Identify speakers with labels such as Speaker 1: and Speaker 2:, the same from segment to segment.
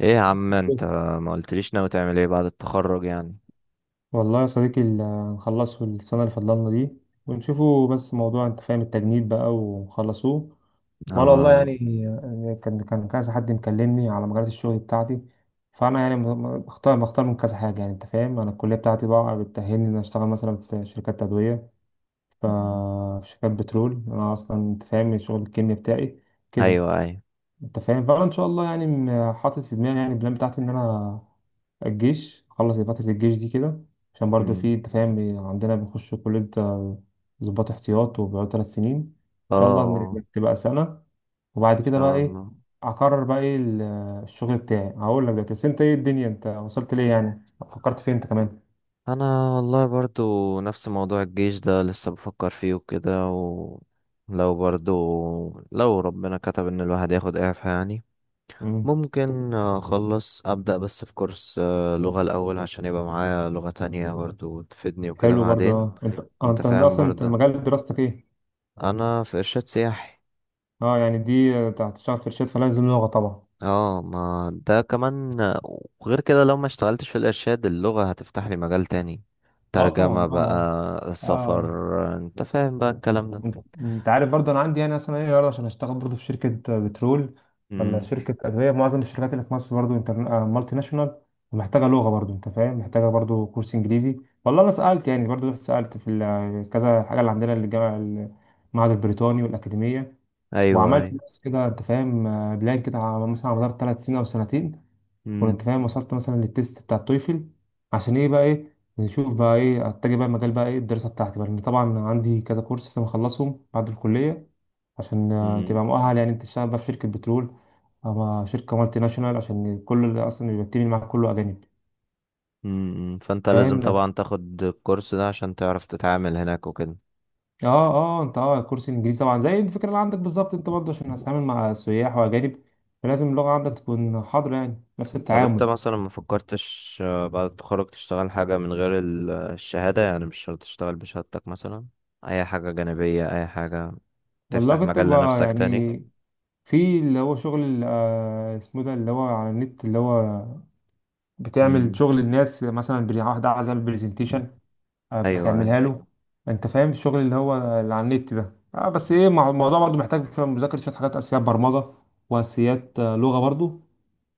Speaker 1: ايه يا عم انت؟
Speaker 2: بس.
Speaker 1: ما قلتليش ناوي تعمل ايه بعد التخرج يعني.
Speaker 2: والله يا صديقي هنخلصه السنة اللي فضلنا دي ونشوفوا، بس موضوع انت فاهم التجنيد بقى ونخلصوه. وانا والله
Speaker 1: اه،
Speaker 2: يعني كان كذا حد مكلمني على مجالات الشغل بتاعتي. فانا يعني بختار من كذا حاجة، يعني انت فاهم انا الكلية بتاعتي بقى بتأهلني ان أنا اشتغل مثلا في شركات تدوية، ف- في شركات بترول. انا اصلا انت فاهم شغل الكيمياء بتاعي كده.
Speaker 1: ايوه، ايوه.
Speaker 2: انت فاهم، فانا ان شاء الله يعني حاطط في دماغي يعني البلان بتاعتي ان انا الجيش، اخلص فترة الجيش دي كده، عشان برضه
Speaker 1: مم.
Speaker 2: في انت فاهم عندنا بنخش كلية ضباط احتياط وبيقعد ثلاث سنين، ان شاء الله
Speaker 1: اه،
Speaker 2: إن تبقى سنة. وبعد
Speaker 1: ان
Speaker 2: كده بقى
Speaker 1: شاء
Speaker 2: ايه
Speaker 1: الله.
Speaker 2: اقرر بقى ايه الشغل بتاعي. هقول لك دلوقتي، بس انت، ايه الدنيا، انت وصلت ليه؟ يعني فكرت فين انت كمان؟
Speaker 1: انا والله برضو نفس موضوع الجيش ده لسه بفكر فيه وكده، ولو برضو لو ربنا كتب ان الواحد ياخد اعفاء يعني
Speaker 2: امم.
Speaker 1: ممكن اخلص ابدا، بس في كورس لغة الاول عشان يبقى معايا لغة تانية برضو تفيدني وكده
Speaker 2: حلو برضه.
Speaker 1: بعدين.
Speaker 2: اه، انت
Speaker 1: انت
Speaker 2: انت
Speaker 1: فاهم
Speaker 2: اصلا انت
Speaker 1: برضو.
Speaker 2: مجال دراستك ايه؟
Speaker 1: انا في ارشاد سياحي.
Speaker 2: اه، يعني دي بتاعت تشتغل في شركات، فلازم لغة طبعا.
Speaker 1: اه، ما ده كمان، وغير كده لو ما اشتغلتش في الارشاد اللغة هتفتح لي مجال تاني،
Speaker 2: اه
Speaker 1: ترجمة
Speaker 2: طبعا. اه
Speaker 1: بقى،
Speaker 2: اه.
Speaker 1: سفر، انت فاهم بقى الكلام ده.
Speaker 2: انت انت عارف برضه انا عندي يعني اصلا ايه عرض عشان اشتغل برضه في شركه بترول ولا
Speaker 1: امم.
Speaker 2: شركه ادويه. معظم الشركات اللي في مصر برضه انتر... آه، مالتي ناشونال ومحتاجه لغه برضه، انت فاهم، محتاجه برضه كورس انجليزي. والله انا سالت يعني برضه، رحت سالت في كذا حاجه اللي عندنا الجامعه، المعهد البريطاني والاكاديميه،
Speaker 1: ايوه،
Speaker 2: وعملت
Speaker 1: ايوه.
Speaker 2: نفس كده انت فاهم بلان كده مثلا على مدار ثلاث سنين او سنتين. كنت
Speaker 1: امم،
Speaker 2: فاهم، وصلت مثلا للتيست بتاع التويفل عشان ايه بقى، ايه نشوف بقى ايه اتجه بقى مجال بقى، ايه الدراسه بتاعتي بقى، لان طبعا عندي كذا كورس لازم اخلصهم بعد الكليه عشان
Speaker 1: امم،
Speaker 2: تبقى مؤهل، يعني انت تشتغل بقى في شركه بترول او شركه مالتي ناشونال، عشان كل اللي اصلا بيبقى التيم اللي معاك كله اجانب.
Speaker 1: امم. فانت لازم
Speaker 2: فاهم.
Speaker 1: طبعا تاخد الكورس ده عشان تعرف تتعامل هناك وكده.
Speaker 2: اه اه. انت، اه، كورس انجليزي طبعا زي الفكره اللي عندك بالظبط، انت برضه عشان هتتعامل مع سياح واجانب، فلازم اللغه عندك تكون حاضره، يعني نفس
Speaker 1: طب انت
Speaker 2: التعامل.
Speaker 1: مثلا ما فكرتش بعد التخرج تشتغل حاجة من غير الشهادة؟ يعني مش شرط تشتغل بشهادتك مثلا، اي حاجة جانبية، اي حاجة
Speaker 2: والله
Speaker 1: تفتح
Speaker 2: كنت
Speaker 1: مجال
Speaker 2: بقى
Speaker 1: لنفسك تاني.
Speaker 2: يعني في اللي هو شغل اسمه ده، اللي هو على النت، اللي هو بتعمل
Speaker 1: امم.
Speaker 2: شغل الناس، مثلا واحد عايز يعمل برزنتيشن
Speaker 1: ايوه.
Speaker 2: بتعملها له. انت فاهم الشغل اللي هو اللي على النت ده، بس ايه الموضوع برضو محتاج شوية مذاكرة، شوية حاجات اساسيات برمجة، واساسيات لغة برضو.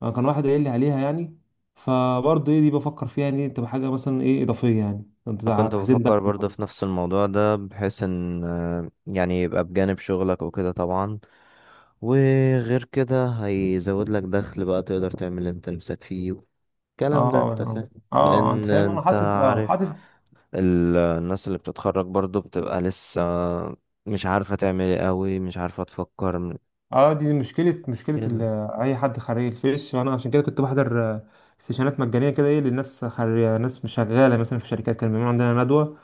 Speaker 2: كان واحد قايل لي عليها يعني، فبرضو ايه دي بفكر فيها، يعني تبقى حاجة مثلا ايه اضافية، يعني انت
Speaker 1: أنا كنت
Speaker 2: تحسين دخل
Speaker 1: بفكر برضه
Speaker 2: برضو.
Speaker 1: في نفس الموضوع ده، بحيث ان يعني يبقى بجانب شغلك وكده طبعا. وغير كده هيزود لك دخل، بقى تقدر تعمل اللي انت نفسك فيه، الكلام ده
Speaker 2: اه
Speaker 1: انت
Speaker 2: اه
Speaker 1: فاهم.
Speaker 2: اه. انت
Speaker 1: لان
Speaker 2: فاهم انا
Speaker 1: انت
Speaker 2: حاطط،
Speaker 1: عارف
Speaker 2: حاطط.
Speaker 1: الناس اللي بتتخرج برضه بتبقى لسه مش عارفة تعمل ايه قوي، مش عارفة تفكر
Speaker 2: اه، دي مشكلة
Speaker 1: كده.
Speaker 2: أي حد خريج. الجيش وأنا عشان كده كنت بحضر سيشنات مجانية كده، إيه للناس خريج، ناس مش شغالة مثلا في شركات، كان بيعملوا عندنا ندوة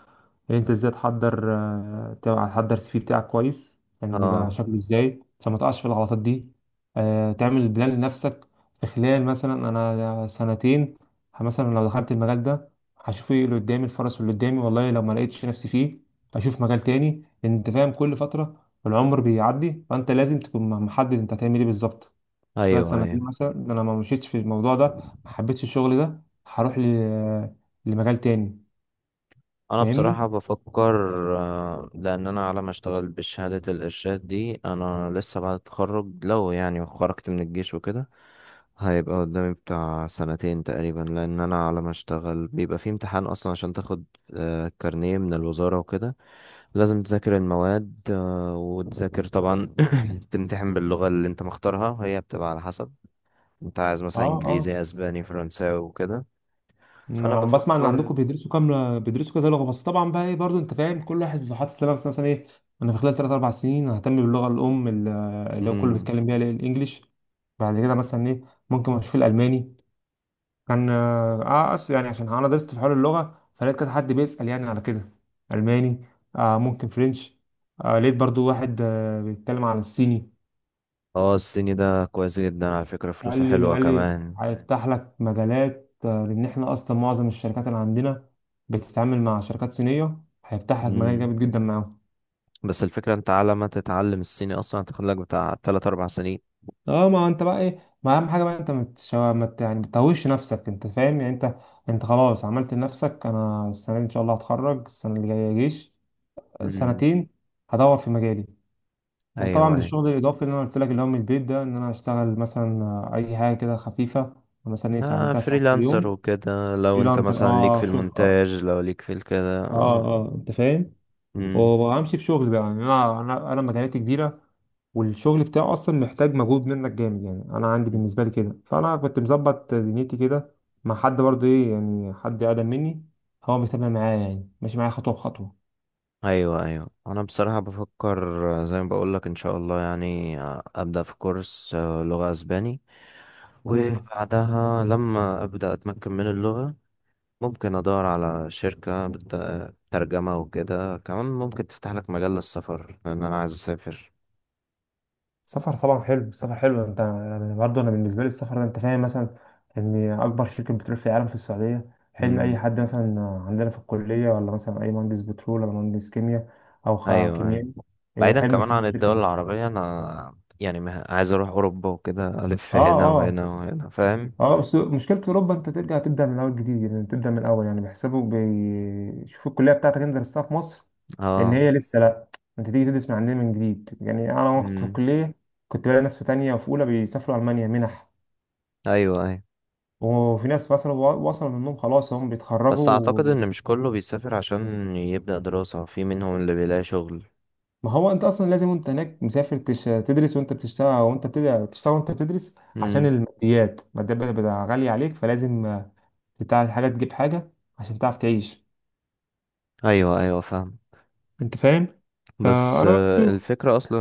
Speaker 2: يعني انت ازاي تحضر تحضر السي في بتاعك كويس، يعني يبقى
Speaker 1: اه،
Speaker 2: شكله ازاي عشان ما تقعش في الغلطات دي. تعمل بلان لنفسك في خلال مثلا انا سنتين، مثلا لو دخلت المجال ده هشوف ايه اللي قدامي، الفرص اللي قدامي، والله لو ما لقيتش نفسي فيه اشوف مجال تاني، لان انت فاهم كل فترة العمر بيعدي، فانت لازم تكون محدد انت هتعمل ايه بالظبط في خلال
Speaker 1: ايوه،
Speaker 2: سنتين،
Speaker 1: ايوه.
Speaker 2: مثلا إن انا ما مشيتش في الموضوع ده، ما حبيتش الشغل ده، هروح لمجال تاني.
Speaker 1: انا
Speaker 2: فاهمني؟
Speaker 1: بصراحة بفكر لان انا على ما اشتغل بشهادة الارشاد دي، انا لسه بعد التخرج لو يعني خرجت من الجيش وكده هيبقى قدامي بتاع سنتين تقريبا، لان انا على ما اشتغل بيبقى في امتحان اصلا عشان تاخد كارنيه من الوزارة وكده. لازم تذاكر المواد وتذاكر طبعا تمتحن باللغة اللي انت مختارها، وهي بتبقى على حسب انت عايز مثلا
Speaker 2: اه اه.
Speaker 1: انجليزي، اسباني، فرنساوي، وكده.
Speaker 2: إن
Speaker 1: فانا
Speaker 2: انا عم بسمع ان عندكم
Speaker 1: بفكر.
Speaker 2: بيدرسوا كام، بيدرسوا كذا لغه، بس طبعا بقى ايه برضه انت فاهم كل واحد بيبقى حاطط لنفسه مثلا ايه. انا في خلال 3 4 سنين ههتم باللغه الام، اللي هو كله بيتكلم بيها، اللي هي الانجليش. بعد كده مثلا ايه ممكن اشوف الالماني. كان اه آه، اصل يعني عشان انا درست في حوار اللغه، فلقيت كذا حد بيسال يعني على كده الماني. ممكن فرنش. لقيت برضو واحد بيتكلم عن الصيني.
Speaker 1: اه، الصيني ده كويس جدا على فكرة،
Speaker 2: قال
Speaker 1: فلوسه
Speaker 2: لي
Speaker 1: حلوة
Speaker 2: قال لي
Speaker 1: كمان.
Speaker 2: هيفتح لك مجالات، لان احنا اصلا معظم الشركات اللي عندنا بتتعامل مع شركات صينيه، هيفتح لك مجال
Speaker 1: مم.
Speaker 2: جامد جدا معاهم.
Speaker 1: بس الفكرة انت على ما تتعلم الصيني اصلا هتاخدلك بتاع 3 4 سنين.
Speaker 2: اه، ما انت بقى ايه، ما اهم حاجه بقى انت متش... ما ت- يعني بتتوهش نفسك، انت فاهم، يعني انت خلاص عملت لنفسك. انا السنه دي ان شاء الله هتخرج، السنه اللي جايه جيش
Speaker 1: امم.
Speaker 2: سنتين، هدور في مجالي،
Speaker 1: ايوه،
Speaker 2: وطبعا
Speaker 1: ايوه.
Speaker 2: بالشغل الاضافي اللي انا قلت لك، اللي هو من البيت ده، ان انا اشتغل مثلا اي حاجه كده خفيفه، مثلا ايه ساعتين تلات ساعات في
Speaker 1: فريلانسر
Speaker 2: اليوم.
Speaker 1: وكده، لو انت
Speaker 2: فريلانسر،
Speaker 1: مثلا ليك في
Speaker 2: اه شوف،
Speaker 1: المونتاج، لو ليك في الكده
Speaker 2: اه اه انت فاهم،
Speaker 1: مم.
Speaker 2: وامشي في شغل بقى. يعني انا مكانتي كبيره، والشغل بتاعه اصلا محتاج مجهود منك جامد، يعني انا عندي بالنسبه لي كده، فانا كنت مظبط دنيتي كده مع حد برضه ايه، يعني حد اقدم مني هو بيتابع معايا، يعني ماشي معايا خطوه بخطوه.
Speaker 1: ايوه، ايوه. انا بصراحة بفكر زي ما بقولك ان شاء الله يعني ابدأ في كورس لغة اسباني،
Speaker 2: امم.
Speaker 1: وبعدها لما ابدأ اتمكن من اللغة ممكن ادور على شركة ترجمة وكده. كمان ممكن تفتح لك مجال للسفر، لان انا عايز اسافر.
Speaker 2: السفر طبعا حلو، السفر حلو. انت، أنا برضه، انا بالنسبه لي السفر ده، انت فاهم، مثلا ان اكبر شركه بترول في العالم في السعوديه حلم اي
Speaker 1: امم.
Speaker 2: حد، مثلا عندنا في الكليه، ولا مثلا اي مهندس بترول، ولا مهندس كيمياء، او
Speaker 1: ايوه، أيوة.
Speaker 2: كيميائي،
Speaker 1: بعيدا
Speaker 2: حلم
Speaker 1: كمان
Speaker 2: يشتغل
Speaker 1: عن
Speaker 2: في شركه.
Speaker 1: الدول العربية، انا يعني عايز اروح اوروبا وكده، الف
Speaker 2: اه
Speaker 1: هنا وهنا
Speaker 2: اه
Speaker 1: وهنا، فاهم.
Speaker 2: اه، بس مشكلة أوروبا أنت ترجع تبدأ من الأول جديد، يعني تبدأ من الأول، يعني بيحسبوا، بيشوفوا الكلية بتاعتك أنت درستها في مصر إن هي
Speaker 1: اه.
Speaker 2: لسه، لأ، أنت تيجي تدرس من عندنا من جديد. يعني أنا، وأنا كنت في
Speaker 1: امم.
Speaker 2: الكلية كنت بلاقي ناس في تانية وفي أولى بيسافروا ألمانيا منح،
Speaker 1: ايوه، ايوه.
Speaker 2: وفي ناس مثلا وصلوا منهم خلاص هم
Speaker 1: بس اعتقد
Speaker 2: بيتخرجوا.
Speaker 1: ان مش كله بيسافر عشان يبدأ دراسة، في منهم اللي بيلاقي شغل.
Speaker 2: ما هو أنت أصلا لازم وأنت هناك مسافر تدرس وأنت بتشتغل، وأنت تشتغل وأنت بتدرس، عشان
Speaker 1: امم.
Speaker 2: الماديات، الماديات بتبقى غالية عليك، فلازم حاجة تجيب حاجة عشان تعرف تعيش،
Speaker 1: ايوه، ايوه، فاهم.
Speaker 2: انت فاهم.
Speaker 1: بس
Speaker 2: فانا بشوف
Speaker 1: الفكرة أصلا،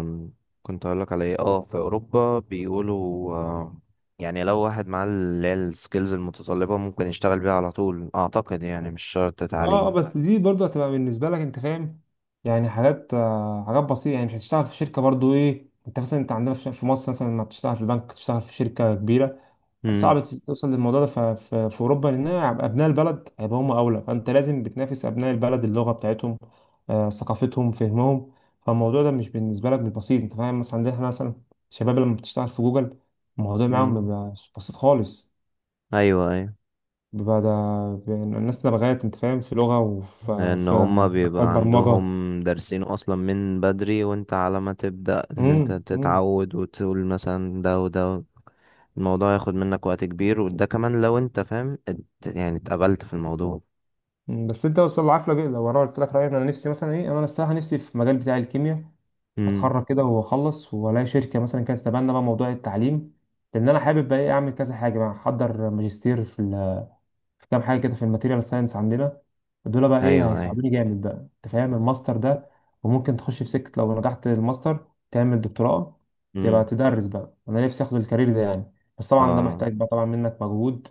Speaker 1: آم، كنت هقولك على إيه، في أوروبا بيقولوا يعني لو واحد معاه اللي هي السكيلز المتطلبة ممكن يشتغل بيها على طول، أعتقد يعني مش شرط تعليم.
Speaker 2: بس دي برضه هتبقى بالنسبه لك، انت فاهم، يعني حاجات، حاجات بسيطه، يعني مش هتشتغل في شركه برضه ايه. انت مثلا، انت عندنا في مصر مثلا، لما بتشتغل في بنك، تشتغل في شركه كبيره،
Speaker 1: امم،
Speaker 2: صعب توصل للموضوع ده في اوروبا، لان هيبقى ابناء البلد، هيبقى هم اولى، فانت لازم بتنافس ابناء البلد، اللغه بتاعتهم، ثقافتهم، فهمهم. فالموضوع ده مش بالنسبه لك مش بسيط، انت فاهم، مثلا عندنا احنا، مثلا الشباب لما بتشتغل في جوجل الموضوع معاهم
Speaker 1: امم.
Speaker 2: بيبقى بسيط خالص.
Speaker 1: ايوه، ايوه.
Speaker 2: بقى ده الناس لغاية انت فاهم في لغة وفي
Speaker 1: لان هما
Speaker 2: اكواد
Speaker 1: بيبقى
Speaker 2: برمجة.
Speaker 1: عندهم دارسين اصلا من بدري، وانت على ما تبدا ان
Speaker 2: امم.
Speaker 1: انت
Speaker 2: امم.
Speaker 1: تتعود وتقول مثلا ده وده، الموضوع ياخد منك وقت كبير، وده كمان لو انت فاهم يعني اتقبلت في الموضوع.
Speaker 2: أمم. بس انت وصل العافية بقى، لو انا قلت لك رأيي، انا نفسي مثلا ايه، انا الصراحة نفسي في المجال بتاع الكيمياء،
Speaker 1: امم.
Speaker 2: اتخرج كده واخلص والاقي شركة مثلا كانت تتبنى بقى موضوع التعليم، لان انا حابب بقى ايه اعمل كذا حاجة بقى، احضر ماجستير في كام حاجه كده في الماتيريال ساينس عندنا. دول بقى ايه
Speaker 1: ايوه، ايوه.
Speaker 2: هيساعدوني جامد بقى، انت فاهم، الماستر ده، وممكن تخش في سكه لو نجحت الماستر تعمل دكتوراه، تبقى
Speaker 1: مم.
Speaker 2: تدرس بقى. انا نفسي اخد الكارير ده يعني، بس طبعا ده
Speaker 1: اه،
Speaker 2: محتاج بقى طبعا منك مجهود،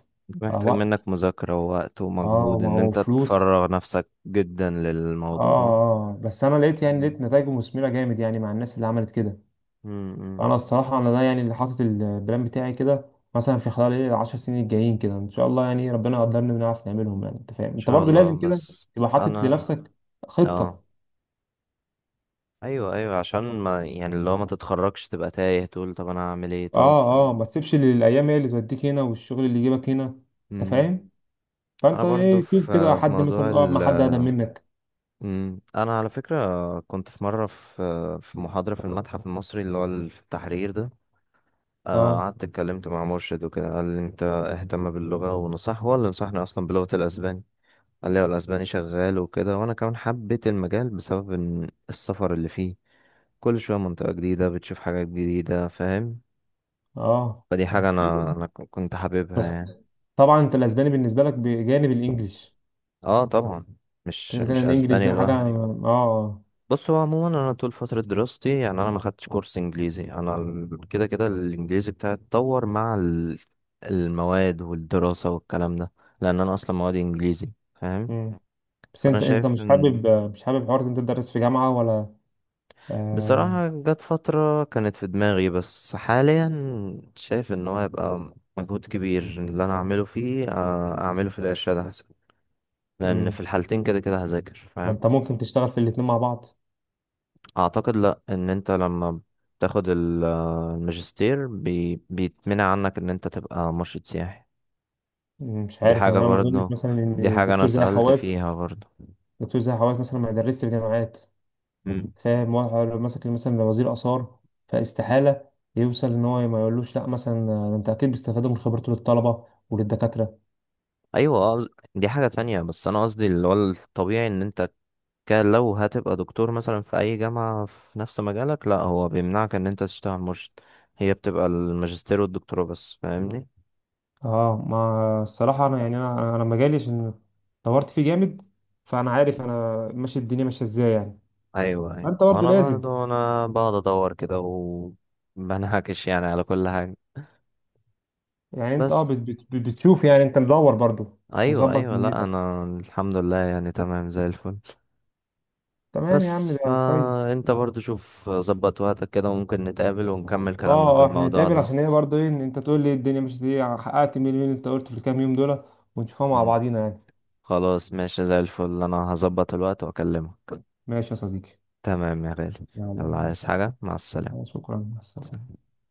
Speaker 1: محتاج
Speaker 2: وقت،
Speaker 1: منك مذاكرة ووقت
Speaker 2: اه
Speaker 1: ومجهود ان انت
Speaker 2: وفلوس.
Speaker 1: تفرغ نفسك جدا
Speaker 2: اه
Speaker 1: للموضوع.
Speaker 2: اه. آه. بس انا لقيت يعني
Speaker 1: مم.
Speaker 2: لقيت نتائجه مثمره جامد، يعني مع الناس اللي عملت كده.
Speaker 1: مم. ان
Speaker 2: انا الصراحه، انا ده يعني اللي حاطط البلان بتاعي كده، مثلا في خلال ايه 10 سنين الجايين كده، ان شاء الله يعني ربنا يقدرنا بنعرف نعملهم. يعني انت فاهم، انت
Speaker 1: شاء
Speaker 2: برضو لازم
Speaker 1: الله.
Speaker 2: كده
Speaker 1: بس
Speaker 2: تبقى حاطط
Speaker 1: انا،
Speaker 2: لنفسك خطه.
Speaker 1: اه، ايوه، ايوه، عشان ما يعني اللي هو ما تتخرجش تبقى تايه تقول طب انا هعمل ايه طب.
Speaker 2: اه اه، ما تسيبش الايام هي اللي توديك هنا، والشغل اللي يجيبك هنا، انت
Speaker 1: مم.
Speaker 2: فاهم.
Speaker 1: انا
Speaker 2: فانت
Speaker 1: برضو
Speaker 2: ايه، شوف كده
Speaker 1: في
Speaker 2: حد
Speaker 1: موضوع
Speaker 2: مثلا، اقعد مع حد اقدم منك.
Speaker 1: مم. انا على فكرة كنت في مرة في محاضرة في المتحف المصري اللي هو في التحرير ده.
Speaker 2: اه
Speaker 1: قعدت اتكلمت مع مرشد وكده، قال لي انت اهتم باللغة، ونصح هو اللي نصحني اصلا بلغة الاسباني. قال لي هو الاسباني شغال وكده، وانا كمان حبيت المجال بسبب إن السفر اللي فيه كل شوية منطقة جديدة، بتشوف حاجات جديدة، فاهم.
Speaker 2: اه.
Speaker 1: فدي حاجة انا
Speaker 2: حلو،
Speaker 1: انا ك- كنت حاببها
Speaker 2: بس
Speaker 1: يعني.
Speaker 2: طبعا انت الاسباني بالنسبه لك بجانب الانجليش.
Speaker 1: اه طبعا.
Speaker 2: انت
Speaker 1: مش
Speaker 2: كده كده
Speaker 1: مش
Speaker 2: الانجليش
Speaker 1: اسباني
Speaker 2: ده حاجه
Speaker 1: لوحده.
Speaker 2: يعني. اه اه.
Speaker 1: بص هو عموما انا طول فتره دراستي يعني انا ما خدتش كورس انجليزي، انا كده كده الانجليزي بتاعي اتطور مع المواد والدراسه والكلام ده، لان انا اصلا مواد انجليزي، فاهم.
Speaker 2: مم. بس
Speaker 1: فانا
Speaker 2: انت
Speaker 1: شايف
Speaker 2: مش
Speaker 1: ان
Speaker 2: حابب مش حابب حوار إن انت تدرس في جامعة ولا؟ آه...
Speaker 1: بصراحه جت فتره كانت في دماغي، بس حاليا شايف ان هو هيبقى مجهود كبير اللي انا اعمله فيه، اعمله في الارشاد احسن، لان في
Speaker 2: مم.
Speaker 1: الحالتين كده كده هذاكر،
Speaker 2: ما
Speaker 1: فاهم.
Speaker 2: انت ممكن تشتغل في الاتنين مع بعض.
Speaker 1: اعتقد لا، ان انت لما بتاخد الماجستير بيتمنع عنك ان انت تبقى مرشد سياحي.
Speaker 2: مش
Speaker 1: دي
Speaker 2: عارف
Speaker 1: حاجة
Speaker 2: يعني، انا ما اظنش
Speaker 1: برضه،
Speaker 2: مثلا
Speaker 1: دي
Speaker 2: ان
Speaker 1: حاجة انا
Speaker 2: دكتور زي
Speaker 1: سألت
Speaker 2: حواس،
Speaker 1: فيها برضه.
Speaker 2: دكتور زي حواس مثلا ما يدرسش في جامعات.
Speaker 1: مم.
Speaker 2: فاهم، واحد لو مسك مثلا وزير آثار فاستحالة يوصل ان هو ما يقولوش لا. مثلا ده انت اكيد بيستفادوا من خبرته للطلبة وللدكاترة.
Speaker 1: ايوه، دي حاجة تانية، بس انا قصدي اللي هو الطبيعي ان انت، لو هتبقى دكتور مثلا في اي جامعة في نفس مجالك، لا هو بيمنعك ان انت تشتغل مرشد. هي بتبقى الماجستير والدكتوراه بس، فاهمني.
Speaker 2: اه، ما الصراحة انا، يعني انا انا أنا مجالي عشان دورت فيه جامد، فانا عارف انا ماشي، الدنيا ماشية ازاي يعني.
Speaker 1: ايوه، ايوه.
Speaker 2: فانت برضه
Speaker 1: وانا
Speaker 2: لازم،
Speaker 1: برضو انا بقعد ادور كده، وبنهكش يعني على كل حاجة،
Speaker 2: يعني انت
Speaker 1: بس.
Speaker 2: بتشوف، يعني انت مدور برضو
Speaker 1: ايوه،
Speaker 2: مظبط
Speaker 1: ايوه، لا
Speaker 2: دنيتك.
Speaker 1: انا الحمد لله يعني تمام زي الفل.
Speaker 2: تمام يا
Speaker 1: بس
Speaker 2: عم، ده كويس.
Speaker 1: فانت برضو شوف ظبط وقتك كده، وممكن نتقابل ونكمل كلامنا في
Speaker 2: اه اه، احنا
Speaker 1: الموضوع
Speaker 2: هنتقابل
Speaker 1: ده.
Speaker 2: عشان ايه برضو، ايه ان انت تقول لي الدنيا، مش دي حققت، مين انت قلت في الكام يوم دول، ونشوفها مع
Speaker 1: مم.
Speaker 2: بعضينا يعني.
Speaker 1: خلاص ماشي، زي الفل انا هظبط الوقت واكلمك.
Speaker 2: ماشي يا صديقي.
Speaker 1: تمام يا غالي.
Speaker 2: يلا
Speaker 1: يلا
Speaker 2: مع
Speaker 1: عايز
Speaker 2: السلامة.
Speaker 1: حاجة، مع السلامة.
Speaker 2: شكرا، مع السلامة.